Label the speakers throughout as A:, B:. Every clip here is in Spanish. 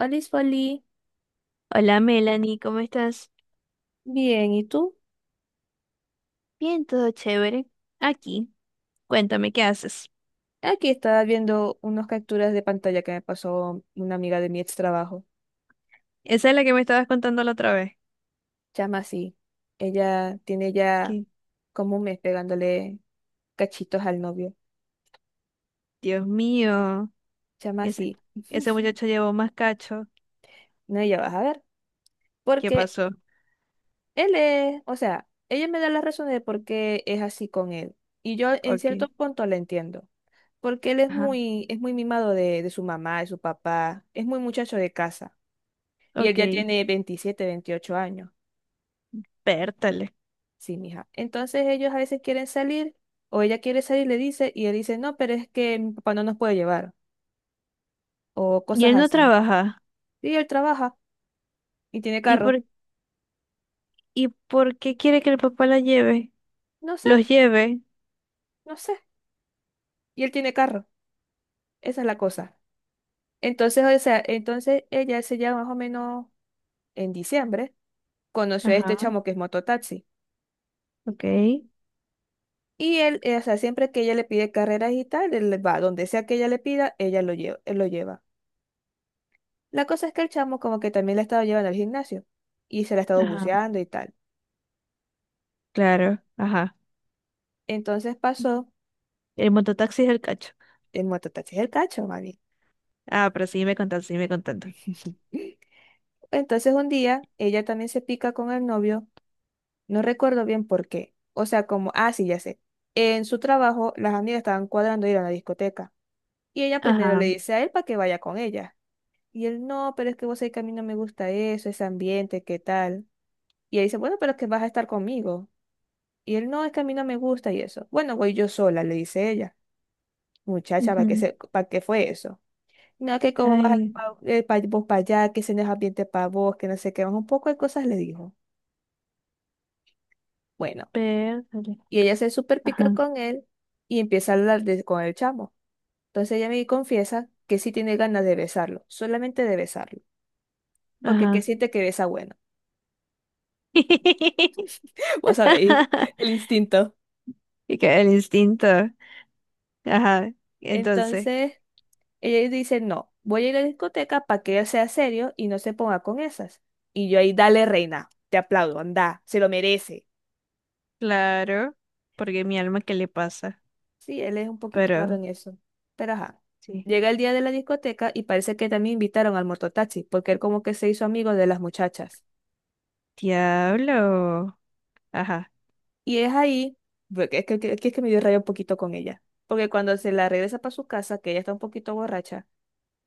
A: Olis Foli,
B: Hola Melanie, ¿cómo estás?
A: bien, ¿y tú?
B: Bien, todo chévere. Aquí, cuéntame, ¿qué haces?
A: Aquí estaba viendo unas capturas de pantalla que me pasó una amiga de mi ex trabajo.
B: Esa es la que me estabas contando la otra vez.
A: Llama así. Ella tiene ya
B: Que,
A: como un mes pegándole cachitos al novio.
B: Dios mío,
A: Llama
B: ese,
A: así.
B: ese muchacho llevó más cacho.
A: No, ya vas a ver.
B: ¿Qué
A: Porque
B: pasó?
A: o sea, ella me da las razones de por qué es así con él. Y yo en cierto
B: Ok,
A: punto la entiendo. Porque él es
B: ajá,
A: muy, es muy mimado de su mamá, de su papá. Es muy muchacho de casa. Y él ya
B: ok,
A: tiene 27, 28 años.
B: pértale.
A: Sí, mija. Entonces ellos a veces quieren salir o ella quiere salir, le dice, y él dice, no, pero es que mi papá no nos puede llevar o
B: Y
A: cosas
B: él no
A: así.
B: trabaja.
A: Y él trabaja y tiene
B: ¿Y
A: carro.
B: por, ¿Y por qué quiere que el papá la lleve?
A: No sé,
B: Los lleve.
A: no sé. Y él tiene carro. Esa es la cosa. Entonces, o sea, entonces ella se llama más o menos en diciembre, conoció a este
B: Ajá,
A: chamo que es mototaxi.
B: ok,
A: Y él, o sea, siempre que ella le pide carreras y tal, él va, donde sea que ella le pida, ella lo lleva, él lo lleva. La cosa es que el chamo como que también la ha estado llevando al gimnasio y se la ha estado
B: ajá,
A: buceando y tal.
B: claro, ajá.
A: Entonces pasó,
B: El mototaxi es el cacho.
A: el mototaxi es el cacho, mami.
B: Ah, pero sí me contando, sí me contando.
A: Entonces un día ella también se pica con el novio, no recuerdo bien por qué. O sea, como, ah, sí, ya sé. En su trabajo, las amigas estaban cuadrando ir a la discoteca. Y ella primero
B: Ajá.
A: le dice a él para que vaya con ella. Y él, no, pero es que vos sabés que a mí no me gusta eso, ese ambiente, ¿qué tal? Y ella dice, bueno, pero es que vas a estar conmigo. Y él, no, es que a mí no me gusta y eso. Bueno, voy yo sola, le dice ella. Muchacha,
B: Ujú.
A: para qué fue eso? No, que como vas
B: Ay,
A: pa vos para allá, que se nos ambiente para vos, que no sé qué, más un poco de cosas le dijo. Bueno,
B: pértale.
A: y ella se super pica
B: Ajá,
A: con él y empieza a hablar con el chamo. Entonces ella me confiesa que sí tiene ganas de besarlo, solamente de besarlo, porque que
B: ajá.
A: siente que besa bueno. Vos sabéis, el instinto.
B: Y que el instinto. Ajá. Entonces,
A: Entonces ella dice, no, voy a ir a la discoteca para que él sea serio y no se ponga con esas. Y yo ahí, dale reina, te aplaudo, anda, se lo merece.
B: claro, porque mi alma, ¿qué le pasa?
A: Sí, él es un poquito raro
B: Pero
A: en eso. Pero ajá.
B: sí.
A: Llega el día de la discoteca y parece que también invitaron al mototaxi, porque él como que se hizo amigo de las muchachas.
B: Diablo. Ajá,
A: Y es ahí, porque es que me dio rabia un poquito con ella. Porque cuando se la regresa para su casa, que ella está un poquito borracha,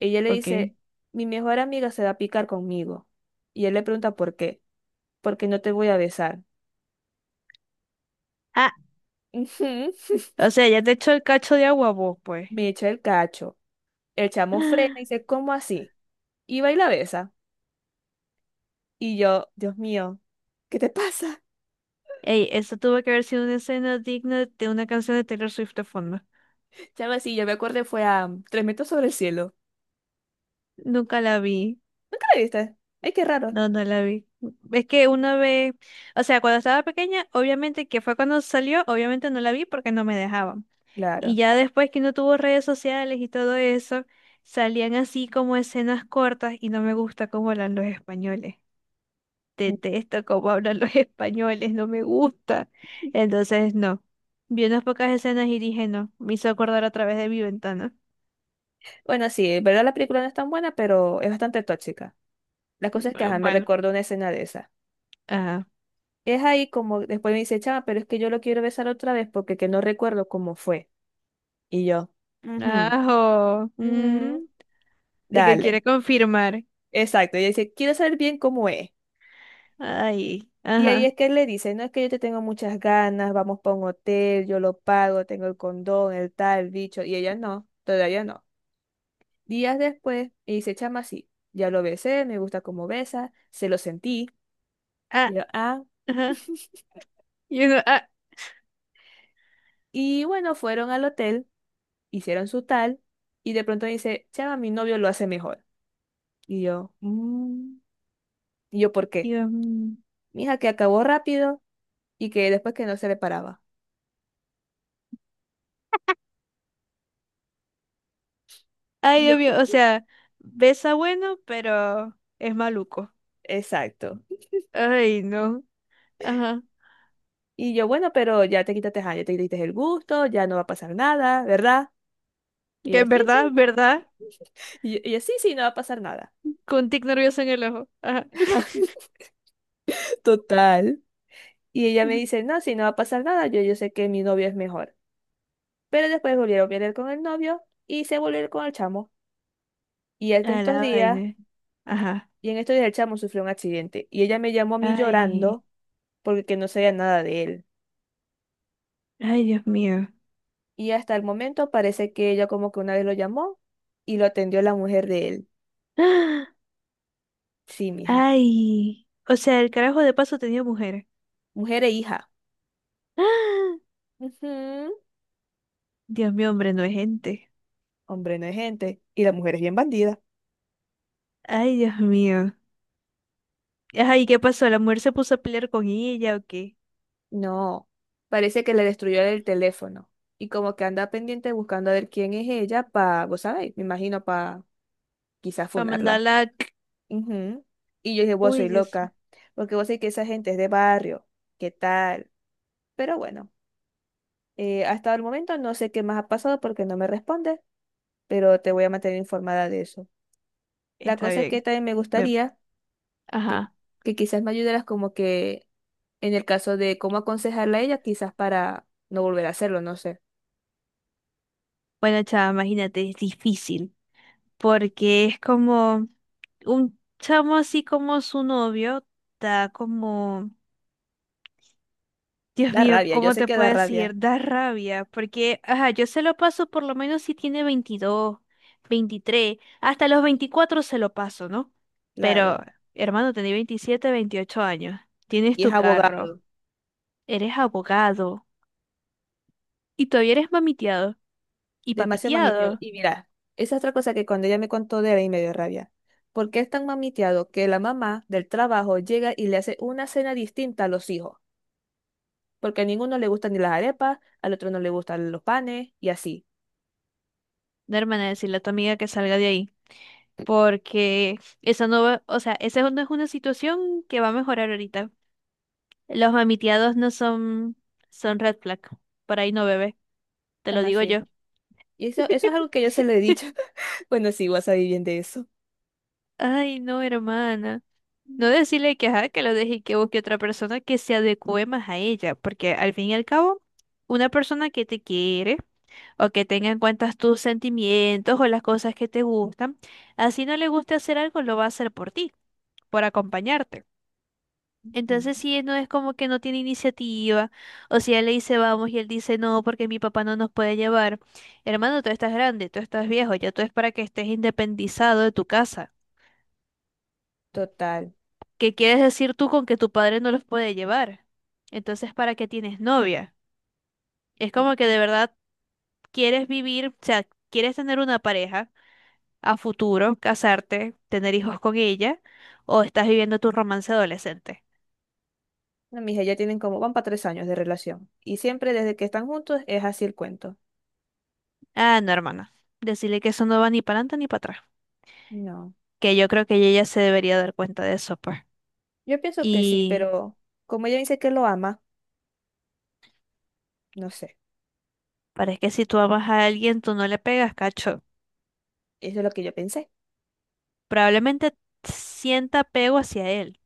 A: ella le
B: ok.
A: dice, mi mejor amiga se va a picar conmigo. Y él le pregunta por qué, porque no te voy a besar.
B: Ah,
A: Ujú.
B: o sea, ya te echó el cacho de agua vos, pues.
A: Me echa el cacho. El chamo frena y dice, ¿cómo así? Y va y la besa. Y yo, Dios mío, ¿qué te pasa?
B: Ey, eso tuvo que haber sido una escena digna de una canción de Taylor Swift de fondo.
A: Sí, algo así, yo me acuerdo fue a Tres metros sobre el cielo.
B: Nunca la vi.
A: ¿Nunca la viste? Ay, qué raro.
B: No, no la vi. Es que una vez, o sea, cuando estaba pequeña, obviamente que fue cuando salió, obviamente no la vi porque no me dejaban. Y
A: Claro.
B: ya después que no tuvo redes sociales y todo eso, salían así como escenas cortas y no me gusta cómo hablan los españoles. Detesto cómo hablan los españoles, no me gusta. Entonces, no. Vi unas pocas escenas y dije, no, me hizo acordar a través de mi ventana.
A: Bueno, sí, en verdad la película no es tan buena, pero es bastante tóxica. La cosa es que ajá, me
B: Bueno,
A: recuerdo una escena de esa.
B: ajá.
A: Es ahí como después me dice, chama, pero es que yo lo quiero besar otra vez porque que no recuerdo cómo fue. Y yo, mhm,
B: Ajo.
A: mhm,
B: Mm, ¿y qué quiere
A: dale.
B: confirmar?
A: Exacto. Y dice, quiero saber bien cómo es.
B: Ay,
A: Y ahí
B: ajá,
A: es que él le dice, no es que yo te tengo muchas ganas, vamos para un hotel, yo lo pago, tengo el condón, el tal, el bicho. Y ella no, todavía no. Días después, me dice, chama, sí, ya lo besé, me gusta cómo besa, se lo sentí. Y
B: ah,
A: yo, ah,
B: ajá. Y uno, ah,
A: y bueno, fueron al hotel, hicieron su tal, y de pronto me dice, chama, mi novio lo hace mejor. Y yo, "Mm". Y yo, ¿por qué?
B: y uno, mm.
A: Mija, que acabó rápido y que después que no se le paraba.
B: Ay,
A: Y yo,
B: Dios mío, o sea, besa bueno, pero es maluco.
A: exacto.
B: Ay, no, ajá.
A: Y yo, bueno, pero ya te quitaste, ajá, ya te quitaste el gusto, ya no va a pasar nada, ¿verdad? Y
B: Que
A: así,
B: en
A: sí.
B: verdad,
A: Sí. Y así, sí, sí, no va a pasar nada.
B: con un tic nervioso en el ojo. Ajá.
A: Total. Y ella me
B: Ujú.
A: dice, no, si no va a pasar nada, yo sé que mi novio es mejor. Pero después volvieron a pelear con el novio y se volvieron con el chamo. Y en
B: A
A: estos
B: la
A: días,
B: vaina. Ajá.
A: y en estos días el chamo sufrió un accidente. Y ella me llamó a mí
B: Ay,
A: llorando porque que no sabía nada de él.
B: ay, Dios mío.
A: Y hasta el momento parece que ella como que una vez lo llamó y lo atendió la mujer de él.
B: Ah,
A: Sí, mija.
B: ay, o sea, el carajo de paso tenía mujer.
A: Mujer e hija.
B: Ah,
A: Ujú.
B: Dios mío, hombre, no es gente.
A: Hombre, no es gente. Y la mujer es bien bandida.
B: Ay, Dios mío. Ajá, ¿y qué pasó? ¿La mujer se puso a pelear con ella o qué?
A: No, parece que le destruyó el teléfono y como que anda pendiente buscando a ver quién es ella para, vos sabéis, me imagino para quizás
B: Para
A: funarla.
B: mandarla.
A: Ujú. Y yo dije, vos
B: Uy,
A: soy
B: Dios,
A: loca, porque vos sabés que esa gente es de barrio, ¿qué tal? Pero bueno, hasta el momento no sé qué más ha pasado porque no me responde, pero te voy a mantener informada de eso. La
B: está
A: cosa es que
B: bien.
A: también me
B: Ve-
A: gustaría que,
B: ajá.
A: que quizás me ayudaras como que en el caso de cómo aconsejarla a ella, quizás para no volver a hacerlo, no sé.
B: Bueno, chava, imagínate, es difícil porque es como un chamo así como su novio, da como, Dios
A: Da
B: mío,
A: rabia, yo
B: ¿cómo
A: sé
B: te
A: que da
B: puedo
A: rabia,
B: decir? Da rabia porque, ajá, yo se lo paso por lo menos si tiene 22 23 hasta los 24 se lo paso, ¿no? Pero,
A: claro.
B: hermano, tenés 27 28 años, tienes
A: Y es
B: tu carro,
A: abogado,
B: eres abogado y todavía eres mamiteado y
A: demasiado mamiteado.
B: papiteado.
A: Y mira, esa es otra cosa que cuando ella me contó de él y me dio rabia. Porque es tan mamiteado que la mamá del trabajo llega y le hace una cena distinta a los hijos. Porque a ninguno le gustan ni las arepas, al otro no le gustan los panes y así.
B: De hermana, decirle a tu amiga que salga de ahí, porque eso no va, o sea, esa no es una situación que va a mejorar ahorita. Los mamiteados no son, son red flag, por ahí no bebé, te
A: Se
B: lo
A: llama
B: digo
A: así.
B: yo.
A: Y eso es algo que yo se lo he dicho. Bueno, sí, vas a vivir bien de eso.
B: Ay, no, hermana. No decirle que, ajá, que lo deje y que busque otra persona que se adecue más a ella, porque al fin y al cabo, una persona que te quiere o que tenga en cuenta tus sentimientos o las cosas que te gustan, así no le guste hacer algo, lo va a hacer por ti, por acompañarte.
A: Ujú.
B: Entonces sí, no es como que no tiene iniciativa, o si ella le dice vamos y él dice no porque mi papá no nos puede llevar. Hermano, tú estás grande, tú estás viejo, ya tú es para que estés independizado de tu casa.
A: Total.
B: ¿Qué quieres decir tú con que tu padre no los puede llevar? Entonces, ¿para qué tienes novia? Es como que de verdad quieres vivir, o sea, quieres tener una pareja a futuro, casarte, tener hijos con ella, o estás viviendo tu romance adolescente.
A: No, mija, ya tienen como, van para 3 años de relación. Y siempre desde que están juntos es así el cuento.
B: Ah, no, hermana, decirle que eso no va ni para adelante ni para atrás.
A: No.
B: Que yo creo que ella ya se debería dar cuenta de eso, pues.
A: Yo pienso que sí,
B: Y
A: pero como ella dice que lo ama, no sé.
B: parece que si tú amas a alguien, tú no le pegas, cacho.
A: Eso es lo que yo pensé.
B: Probablemente sienta apego hacia él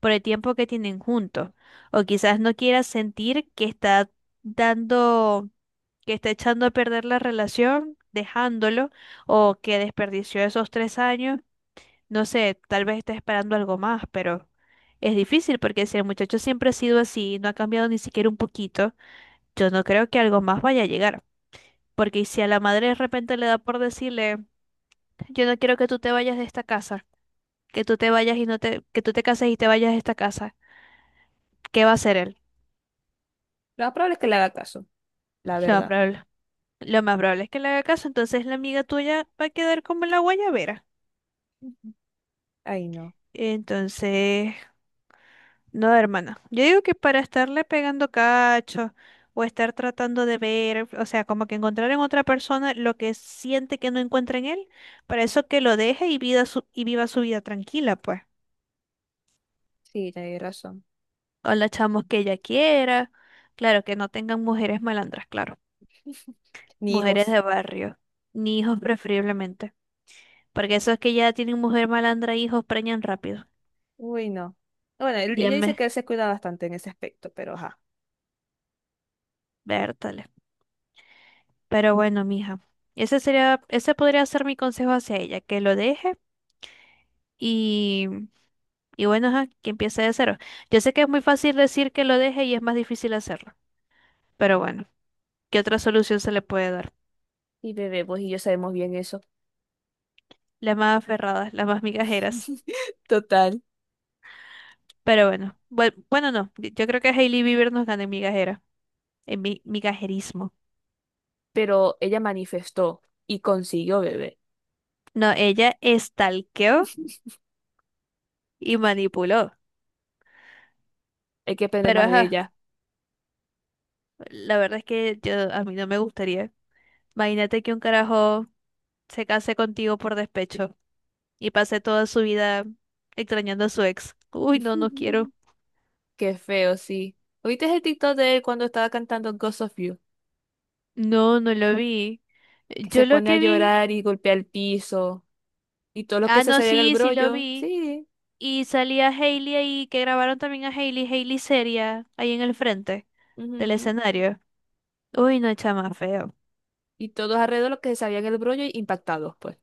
B: por el tiempo que tienen juntos. O quizás no quiera sentir que está dando, que está echando a perder la relación, dejándolo, o que desperdició esos 3 años. No sé, tal vez está esperando algo más, pero es difícil porque si el muchacho siempre ha sido así, no ha cambiado ni siquiera un poquito, yo no creo que algo más vaya a llegar. Porque y si a la madre de repente le da por decirle, yo no quiero que tú te vayas de esta casa, que tú te vayas y no te, que tú te cases y te vayas de esta casa, ¿qué va a hacer él?
A: Lo más probable es que le haga caso, la
B: Lo más
A: verdad.
B: probable, lo más probable es que le haga caso, entonces la amiga tuya va a quedar como la guayabera.
A: Ujú. Ay, no.
B: Entonces, no, hermana. Yo digo que para estarle pegando cacho o estar tratando de ver, o sea, como que encontrar en otra persona lo que siente que no encuentra en él, para eso que lo deje y vida su- y viva su vida tranquila, pues.
A: Sí, tenés razón.
B: O la chamos que ella quiera. Claro, que no tengan mujeres malandras, claro.
A: Ni
B: Mujeres
A: hijos.
B: de barrio, ni hijos preferiblemente. Porque esos que ya tienen mujer malandra, hijos preñan rápido.
A: Uy, no. Bueno,
B: Ya
A: ella dice que él se cuida bastante en ese aspecto, pero ajá.
B: vértale. Pero bueno, mija. Ese sería, ese podría ser mi consejo hacia ella, que lo deje y, y bueno, ajá, que empiece de cero. Yo sé que es muy fácil decir que lo deje y es más difícil hacerlo. Pero bueno, ¿qué otra solución se le puede dar?
A: Y bebé, pues y yo sabemos bien eso.
B: Las más aferradas, las más migajeras.
A: Total.
B: Pero bueno, bueno, no, yo creo que Hailey Bieber nos gana en migajera, en mi migajerismo.
A: Pero ella manifestó y consiguió bebé.
B: No, ella estalqueó y manipuló.
A: Hay que aprender
B: Pero
A: más de
B: ajá,
A: ella.
B: la verdad es que yo a mí no me gustaría. Imagínate que un carajo se case contigo por despecho y pase toda su vida extrañando a su ex. Uy, no, no quiero.
A: Qué feo, sí. ¿Oíste el TikTok de él cuando estaba cantando Ghost of You?
B: No, no lo vi.
A: Que se
B: Yo lo
A: pone a
B: que vi.
A: llorar y golpea el piso. Y todos los que
B: Ah,
A: se
B: no,
A: sabían el
B: sí, sí lo
A: brollo.
B: vi.
A: Sí.
B: Y salía Hailey ahí, que grabaron también a Hailey, Hailey seria, ahí en el frente del
A: Ujú.
B: escenario. Uy, no, chama, feo.
A: Y todos alrededor los que se sabían el brollo impactados, pues.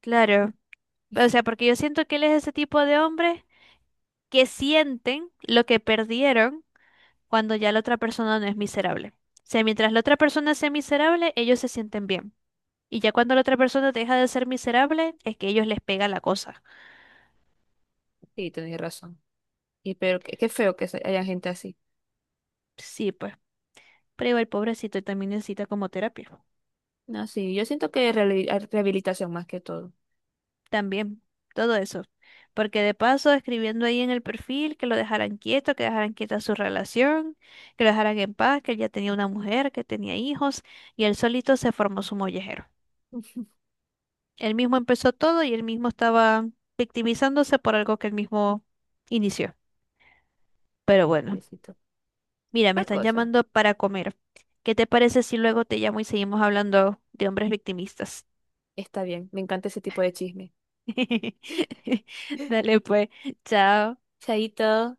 B: Claro. O sea, porque yo siento que él es ese tipo de hombres que sienten lo que perdieron cuando ya la otra persona no es miserable. O sea, mientras la otra persona sea miserable, ellos se sienten bien. Y ya cuando la otra persona deja de ser miserable, es que ellos les pega la cosa.
A: Sí, tenéis razón. Y pero qué feo que haya gente así.
B: Sí, pues. Pero el pobrecito también necesita como terapia.
A: No, sí, yo siento que es rehabilitación más que todo.
B: También, todo eso. Porque de paso, escribiendo ahí en el perfil que lo dejaran quieto, que dejaran quieta su relación, que lo dejaran en paz, que él ya tenía una mujer, que tenía hijos, y él solito se formó su mollejero.
A: Uf,
B: Él mismo empezó todo y él mismo estaba victimizándose por algo que él mismo inició. Pero bueno,
A: necesito.
B: mira, me
A: Otra
B: están
A: cosa.
B: llamando para comer. ¿Qué te parece si luego te llamo y seguimos hablando de hombres victimistas?
A: Está bien, me encanta ese tipo de chisme.
B: Dale pues, chao.
A: Chaito.